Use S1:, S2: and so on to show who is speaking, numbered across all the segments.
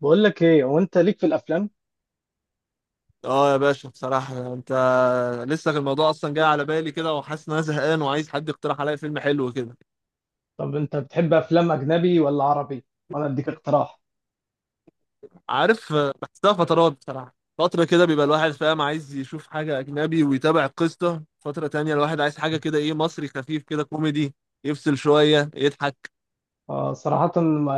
S1: بقول لك ايه هو انت ليك في الافلام؟
S2: اه يا باشا، بصراحة انت لسه الموضوع اصلا جاي على بالي كده، وحاسس ان انا زهقان وعايز حد يقترح عليا فيلم حلو كده.
S1: طب انت بتحب افلام اجنبي ولا عربي؟ وانا اديك اقتراح.
S2: عارف، بحسها فترات. بصراحة فترة كده بيبقى الواحد فاهم عايز يشوف حاجة أجنبي ويتابع قصة، فترة تانية الواحد عايز حاجة كده إيه، مصري خفيف كده كوميدي يفصل شوية يضحك.
S1: آه صراحة،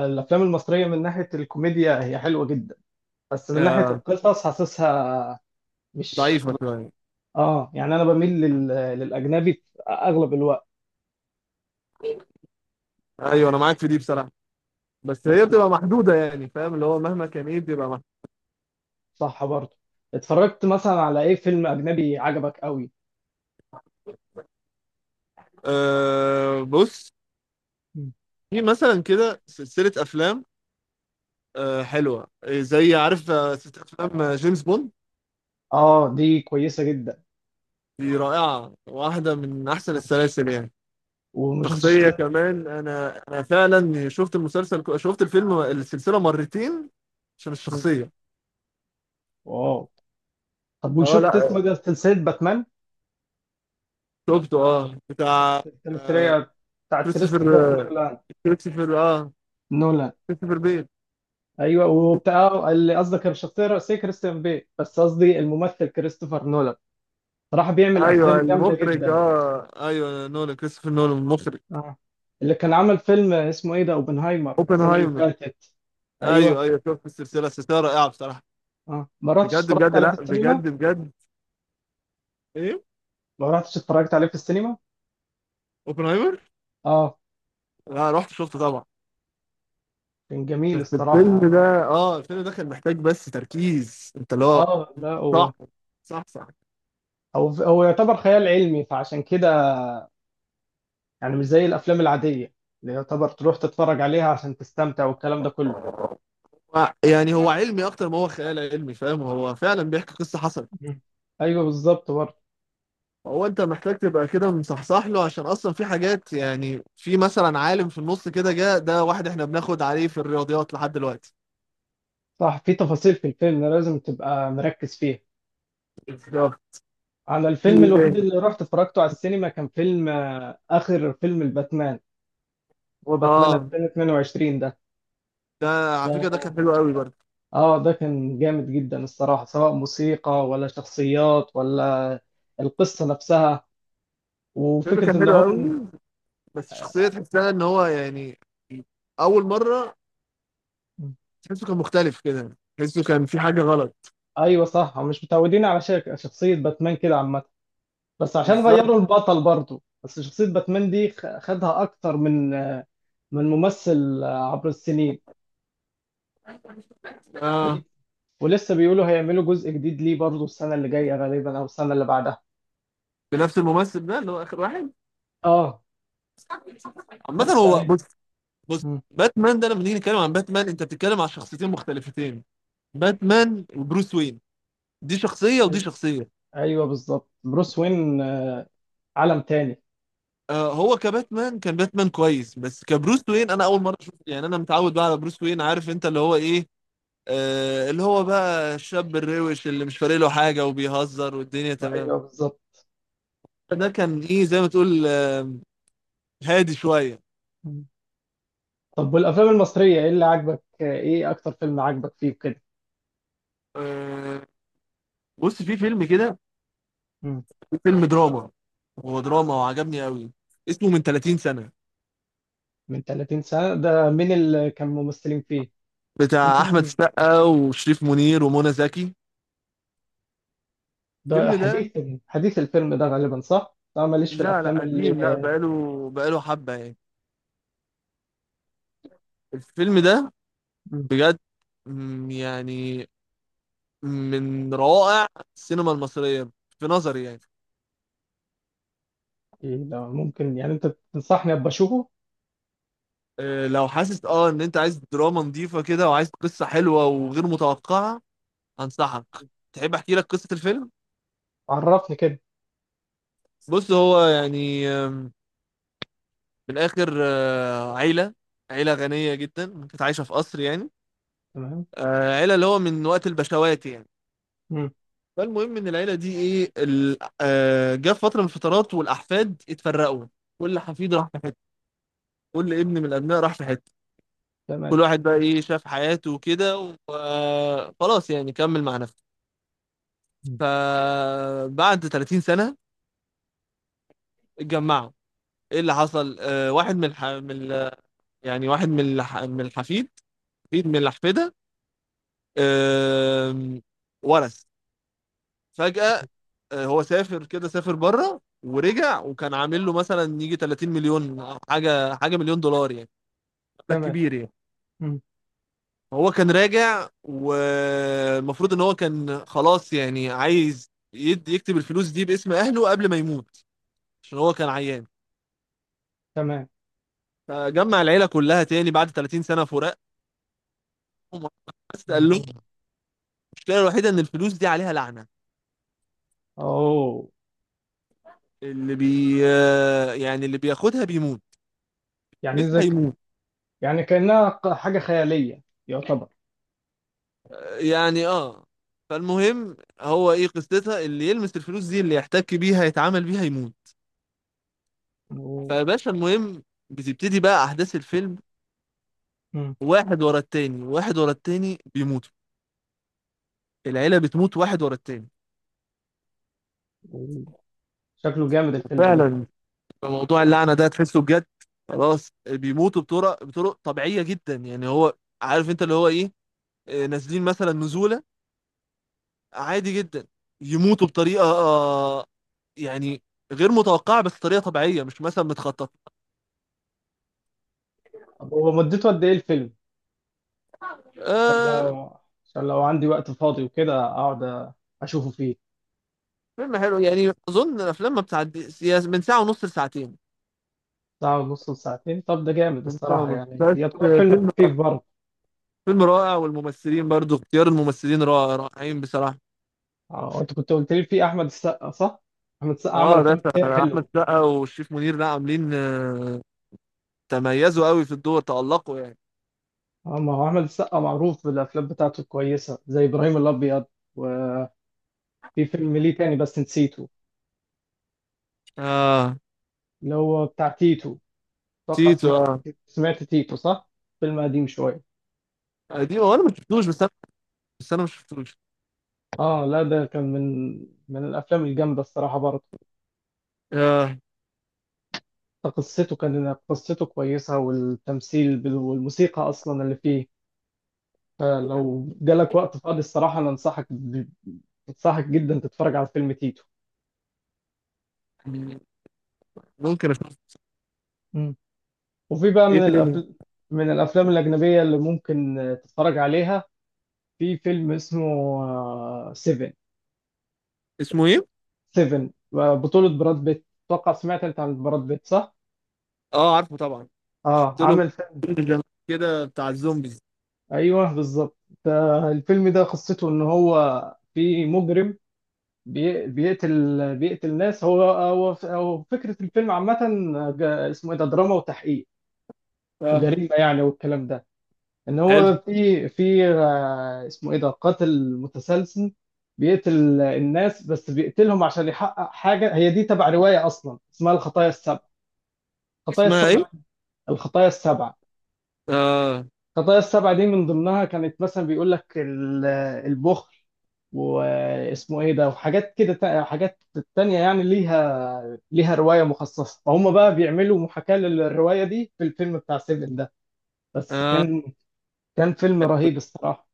S1: الافلام المصرية من ناحية الكوميديا هي حلوة جدا، بس من ناحية
S2: آه،
S1: القصص حاسسها مش
S2: ضعيفة
S1: مش-
S2: شوية.
S1: اه، يعني انا بميل للاجنبي في اغلب الوقت.
S2: أيوة أنا معاك في دي بصراحة، بس
S1: بس
S2: هي بتبقى محدودة يعني، فاهم اللي هو مهما كان إيه بتبقى محدودة.
S1: صح برضه. اتفرجت مثلا على ايه فيلم اجنبي عجبك قوي؟
S2: آه، بص،
S1: مم.
S2: في مثلا كده سلسلة أفلام حلوة، زي عارف، ست أفلام، جيمس بوند.
S1: اه، دي كويسة جدا.
S2: دي رائعة، واحدة من أحسن
S1: مم.
S2: السلاسل يعني.
S1: وما شفتش.
S2: شخصية كمان، أنا فعلا شفت المسلسل شفت الفيلم، السلسلة مرتين عشان
S1: مم.
S2: الشخصية.
S1: واو. طب
S2: اه
S1: وشفت اسمه
S2: لا،
S1: ده سلسلة باتمان
S2: شفته، بتاع
S1: الثلاثية بتاعت
S2: كريستوفر
S1: كريستوفر
S2: آه،
S1: نولان؟
S2: كريستوفر اه
S1: نولان.
S2: كريستوفر بيل.
S1: ايوه، وبتاع اللي قصدك الشخصيه الرئيسيه كريستيان بيل، بس قصدي الممثل كريستوفر نولان. صراحه بيعمل افلام
S2: ايوه
S1: جامده
S2: المخرج،
S1: جدا.
S2: ايوه نولان، كريستوفر نولان المخرج.
S1: اه، اللي كان عمل فيلم اسمه ايه ده، اوبنهايمر، السنه اللي
S2: اوبنهايمر،
S1: فاتت.
S2: ايوه
S1: ايوه.
S2: ايوه شفت السلسلة، السلسلة رائعة بصراحة.
S1: اه، ما رحتش
S2: بجد
S1: اتفرجت
S2: بجد،
S1: عليه في
S2: لا
S1: السينما.
S2: بجد بجد. ايه؟
S1: ما رحتش اتفرجت عليه في السينما.
S2: اوبنهايمر.
S1: اه
S2: لا رحت شفته طبعا.
S1: كان جميل
S2: بس الفيلم
S1: الصراحه.
S2: ده، الفيلم ده كان محتاج بس تركيز، انت اللي هو
S1: اه لا،
S2: صح.
S1: هو
S2: صح صح.
S1: هو هو يعتبر خيال علمي، فعشان كده يعني مش زي الافلام العاديه اللي يعتبر تروح تتفرج عليها عشان تستمتع والكلام ده كله.
S2: يعني هو علمي اكتر ما هو خيال علمي، فاهم، هو فعلا بيحكي قصة حصلت.
S1: مم. ايوه بالظبط برضه.
S2: هو انت محتاج تبقى كده مصحصح له، عشان اصلا في حاجات، يعني في مثلا عالم في النص كده جه ده، واحد احنا بناخد عليه في الرياضيات لحد دلوقتي.
S1: صح، في تفاصيل في الفيلم لازم تبقى مركز فيها.
S2: بالظبط.
S1: انا
S2: في
S1: الفيلم
S2: ايه
S1: الوحيد
S2: تاني؟
S1: اللي رحت اتفرجته على السينما كان فيلم اخر فيلم الباتمان. هو باتمان
S2: اه،
S1: 2022 ده
S2: ده على فكرة ده
S1: ده
S2: كان حلو قوي برضه.
S1: اه، ده كان جامد جدا الصراحه، سواء موسيقى ولا شخصيات ولا القصه نفسها
S2: الفيلم
S1: وفكره
S2: كان
S1: ان
S2: حلو
S1: هم.
S2: قوي، بس شخصية تحسها ان هو يعني، اول مرة تحسه كان مختلف كده، تحسه كان في حاجة غلط.
S1: ايوه صح، هم مش متعودين على شخصيه باتمان كده عامه، بس عشان
S2: بالظبط.
S1: غيروا البطل برضو. بس شخصية باتمان دي خدها أكتر من ممثل عبر السنين،
S2: اه،
S1: فدي. ولسه بيقولوا هيعملوا جزء جديد ليه برضو السنة اللي جاية غالبا أو السنة اللي بعدها.
S2: بنفس الممثل ده اللي هو آخر واحد.
S1: اه.
S2: عامة
S1: بس
S2: هو بص، بص،
S1: مم.
S2: باتمان ده لما نيجي نتكلم عن باتمان، أنت بتتكلم عن شخصيتين مختلفتين، باتمان وبروس وين. دي شخصية ودي
S1: أي...
S2: شخصية.
S1: أيوه بالظبط، بروس وين عالم تاني.
S2: آه، هو كباتمان كان باتمان كويس، بس كبروس وين أنا أول مرة أشوف. يعني أنا متعود بقى على بروس وين، عارف أنت اللي هو إيه، آه، اللي هو بقى الشاب الروش اللي مش فارق له حاجة وبيهزر والدنيا تمام.
S1: أيوه بالظبط.
S2: ده كان إيه زي ما تقول، آه، هادي شوية.
S1: مم. طب والأفلام المصرية إيه أكتر فيلم عاجبك فيه كده؟
S2: آه، بص،
S1: مم.
S2: في فيلم دراما، هو دراما وعجبني قوي، اسمه من 30 سنة،
S1: من 30 سنة، ده مين اللي كان ممثلين فيه؟
S2: بتاع
S1: ممكن.
S2: أحمد السقا وشريف منير ومنى زكي.
S1: ده
S2: الفيلم ده
S1: حديث؟ حديث الفيلم ده غالبا، صح؟ أنا ماليش في
S2: لا
S1: الأفلام
S2: لا
S1: اللي.
S2: قديم لا، بقاله حبة يعني. الفيلم ده
S1: مم.
S2: بجد، يعني من روائع السينما المصرية في نظري يعني.
S1: إيه ده؟ ممكن يعني أنت تنصحني أبقى أشوفه؟
S2: لو حاسس ان انت عايز دراما نظيفة كده وعايز قصة حلوة وغير متوقعة، انصحك. تحب احكي لك قصة الفيلم؟
S1: عرفني كده.
S2: بص، هو يعني من الاخر، عيله غنيه جدا كانت عايشه في قصر يعني،
S1: تمام.
S2: عيله اللي هو من وقت البشوات يعني.
S1: مم.
S2: فالمهم ان العيله دي ايه جه في فتره من الفترات، والاحفاد اتفرقوا، كل حفيد راح في حتة، كل ابن من الابناء راح في حته، كل
S1: تمام.
S2: واحد بقى ايه شاف حياته وكده، وخلاص يعني كمل مع نفسه.
S1: مم.
S2: فبعد 30 سنه اتجمعوا، ايه اللي حصل، واحد من الحفيد، حفيد من الاحفده، آم، ورث فجأة. هو سافر كده، سافر بره ورجع وكان عامل له مثلا يجي 30 مليون أو حاجه، مليون دولار يعني، مبلغ
S1: تمام.
S2: كبير يعني.
S1: مم.
S2: هو كان راجع والمفروض ان هو كان خلاص يعني عايز يد يكتب الفلوس دي باسم اهله قبل ما يموت، عشان هو كان عيان.
S1: تمام.
S2: فجمع العيله كلها تاني بعد 30 سنه فراق، بس قال لهم
S1: مم.
S2: المشكله الوحيده ان الفلوس دي عليها لعنه،
S1: أوه.
S2: اللي بياخدها بيموت،
S1: يعني
S2: بس
S1: زي ك-
S2: هيموت
S1: يعني كأنها حاجة خيالية يعتبر.
S2: يعني. اه، فالمهم هو ايه قصتها، اللي يلمس الفلوس دي، اللي يحتك بيها، يتعامل بيها يموت.
S1: أوه.
S2: فيا باشا المهم، بتبتدي بقى احداث الفيلم،
S1: مم.
S2: واحد ورا التاني واحد ورا التاني بيموتوا، العيلة بتموت واحد ورا التاني.
S1: أوه. شكله جامد الفيلم ده.
S2: فعلا موضوع اللعنة ده تحسه بجد. خلاص بيموتوا بطرق، طبيعية جدا، يعني هو عارف انت اللي هو ايه، آه، نازلين مثلا نزولة عادي جدا، يموتوا بطريقة، يعني غير متوقعة، بس طريقة طبيعية مش مثلا متخططة.
S1: طب هو مدته قد إيه الفيلم؟ عشان
S2: آه،
S1: لو عشان لو عندي وقت فاضي وكده أقعد أشوفه فيه.
S2: فيلم حلو يعني، اظن الافلام ما بتعديش من ساعه ونص لساعتين،
S1: ساعة ونص لساعتين؟ طب ده جامد
S2: من ساعه
S1: الصراحة،
S2: ونص
S1: يعني
S2: بس.
S1: يعتبر فيلم
S2: فيلم،
S1: خفيف برضه.
S2: فيلم رائع، والممثلين برضو، اختيار الممثلين رائع، رائعين بصراحه.
S1: اه، انت كنت قلت لي في أحمد السقا، صح؟ أحمد السقا
S2: اه
S1: عمل
S2: ده
S1: أفلام كتير
S2: احمد
S1: حلوة.
S2: سقا والشريف منير، لا عاملين، تميزوا قوي في الدور، تألقوا يعني.
S1: اه، ما هو أحمد السقا معروف بالأفلام بتاعته الكويسة زي إبراهيم الأبيض، وفي فيلم ليه تاني بس نسيته.
S2: اه
S1: اللي هو بتاع تيتو، أتوقع
S2: تيتو، اه
S1: سمعت تيتو، صح؟ فيلم قديم شوية.
S2: قديم، هو انا ما شفتوش، بس انا ما شفتوش.
S1: اه لا، ده كان من الأفلام الجامدة الصراحة برضه.
S2: اه
S1: قصته كويسة، والتمثيل والموسيقى أصلا اللي فيه. فلو جالك وقت فاضي الصراحة أنا أنصحك جدا تتفرج على فيلم تيتو.
S2: ممكن اشوف.
S1: مم. وفي بقى
S2: ايه تاني؟
S1: من الأفلام الأجنبية اللي ممكن تتفرج عليها. في فيلم اسمه سيفن.
S2: اسمه ايه؟
S1: سيفن بطولة براد بيت، أتوقع سمعت أنت عن براد بيت، صح؟
S2: اه عارفه طبعا.
S1: آه،
S2: شفت له
S1: عامل فيلم.
S2: فيلم كده بتاع الزومبيز.
S1: أيوه بالظبط. الفيلم ده قصته إن هو في مجرم بيقتل ناس، هو فكرة الفيلم عامة. اسمه إيه ده، دراما وتحقيق
S2: اه،
S1: جريمة يعني، والكلام ده. ان
S2: حلو.
S1: هو في اسمه ايه ده، قاتل متسلسل بيقتل الناس، بس بيقتلهم عشان يحقق حاجة. هي دي تبع رواية اصلا اسمها الخطايا السبع، الخطايا
S2: اسمها ايه؟
S1: السبع. الخطايا السبع.
S2: اه.
S1: الخطايا السبع دي من ضمنها كانت مثلا بيقول لك البخل، واسمه ايه ده، وحاجات كده حاجات تانية يعني، ليها رواية مخصصة، فهم بقى بيعملوا محاكاة للرواية دي في الفيلم بتاع سيفن ده. بس
S2: اه
S1: كان فيلم رهيب الصراحة،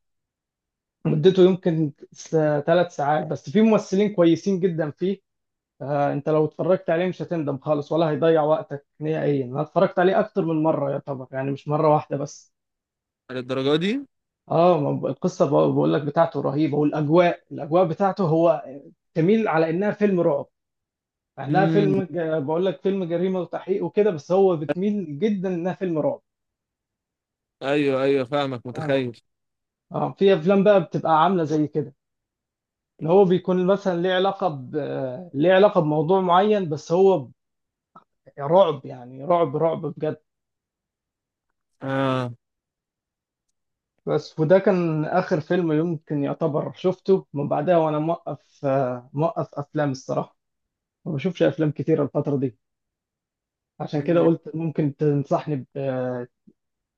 S1: مدته يمكن 3 ساعات، بس في ممثلين كويسين جدا فيه. انت لو اتفرجت عليه مش هتندم خالص ولا هيضيع وقتك نهائيا، انا اتفرجت عليه اكتر من مره يعتبر، يعني مش مره واحده بس.
S2: للدرجة دي؟
S1: اه، ما ب- القصه بقول لك بتاعته رهيبه، والاجواء الاجواء بتاعته هو تميل على انها فيلم رعب، مع انها
S2: امم
S1: فيلم بقول لك فيلم جريمه وتحقيق وكده، بس هو بتميل جدا انها فيلم رعب.
S2: ايوه ايوه فاهمك،
S1: اه،
S2: متخيل.
S1: اه، في افلام بقى بتبقى عامله زي كده، ان هو بيكون مثلا ليه علاقه ليه علاقه بموضوع معين، بس هو يا رعب يعني، رعب رعب بجد.
S2: اه.
S1: بس وده كان آخر فيلم يمكن يعتبر شفته، من بعدها وأنا موقف أفلام الصراحة، ما بشوفش أفلام كتير الفترة دي، عشان كده قلت ممكن تنصحني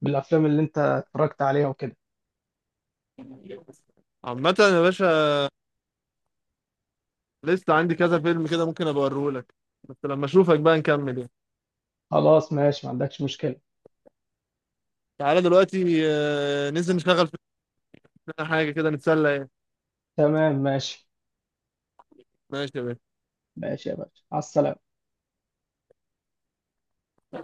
S1: بالأفلام اللي أنت اتفرجت عليها وكده.
S2: عامة يا باشا، لسه عندي كذا فيلم كده ممكن ابقى اوريهولك، بس لما اشوفك بقى نكمل يعني.
S1: خلاص ماشي، ما عندكش مشكلة.
S2: تعالى دلوقتي، ننزل نشتغل في حاجة كده نتسلى يعني.
S1: تمام ماشي.
S2: ماشي يا باشا.
S1: ماشي يا باشا، على السلامة.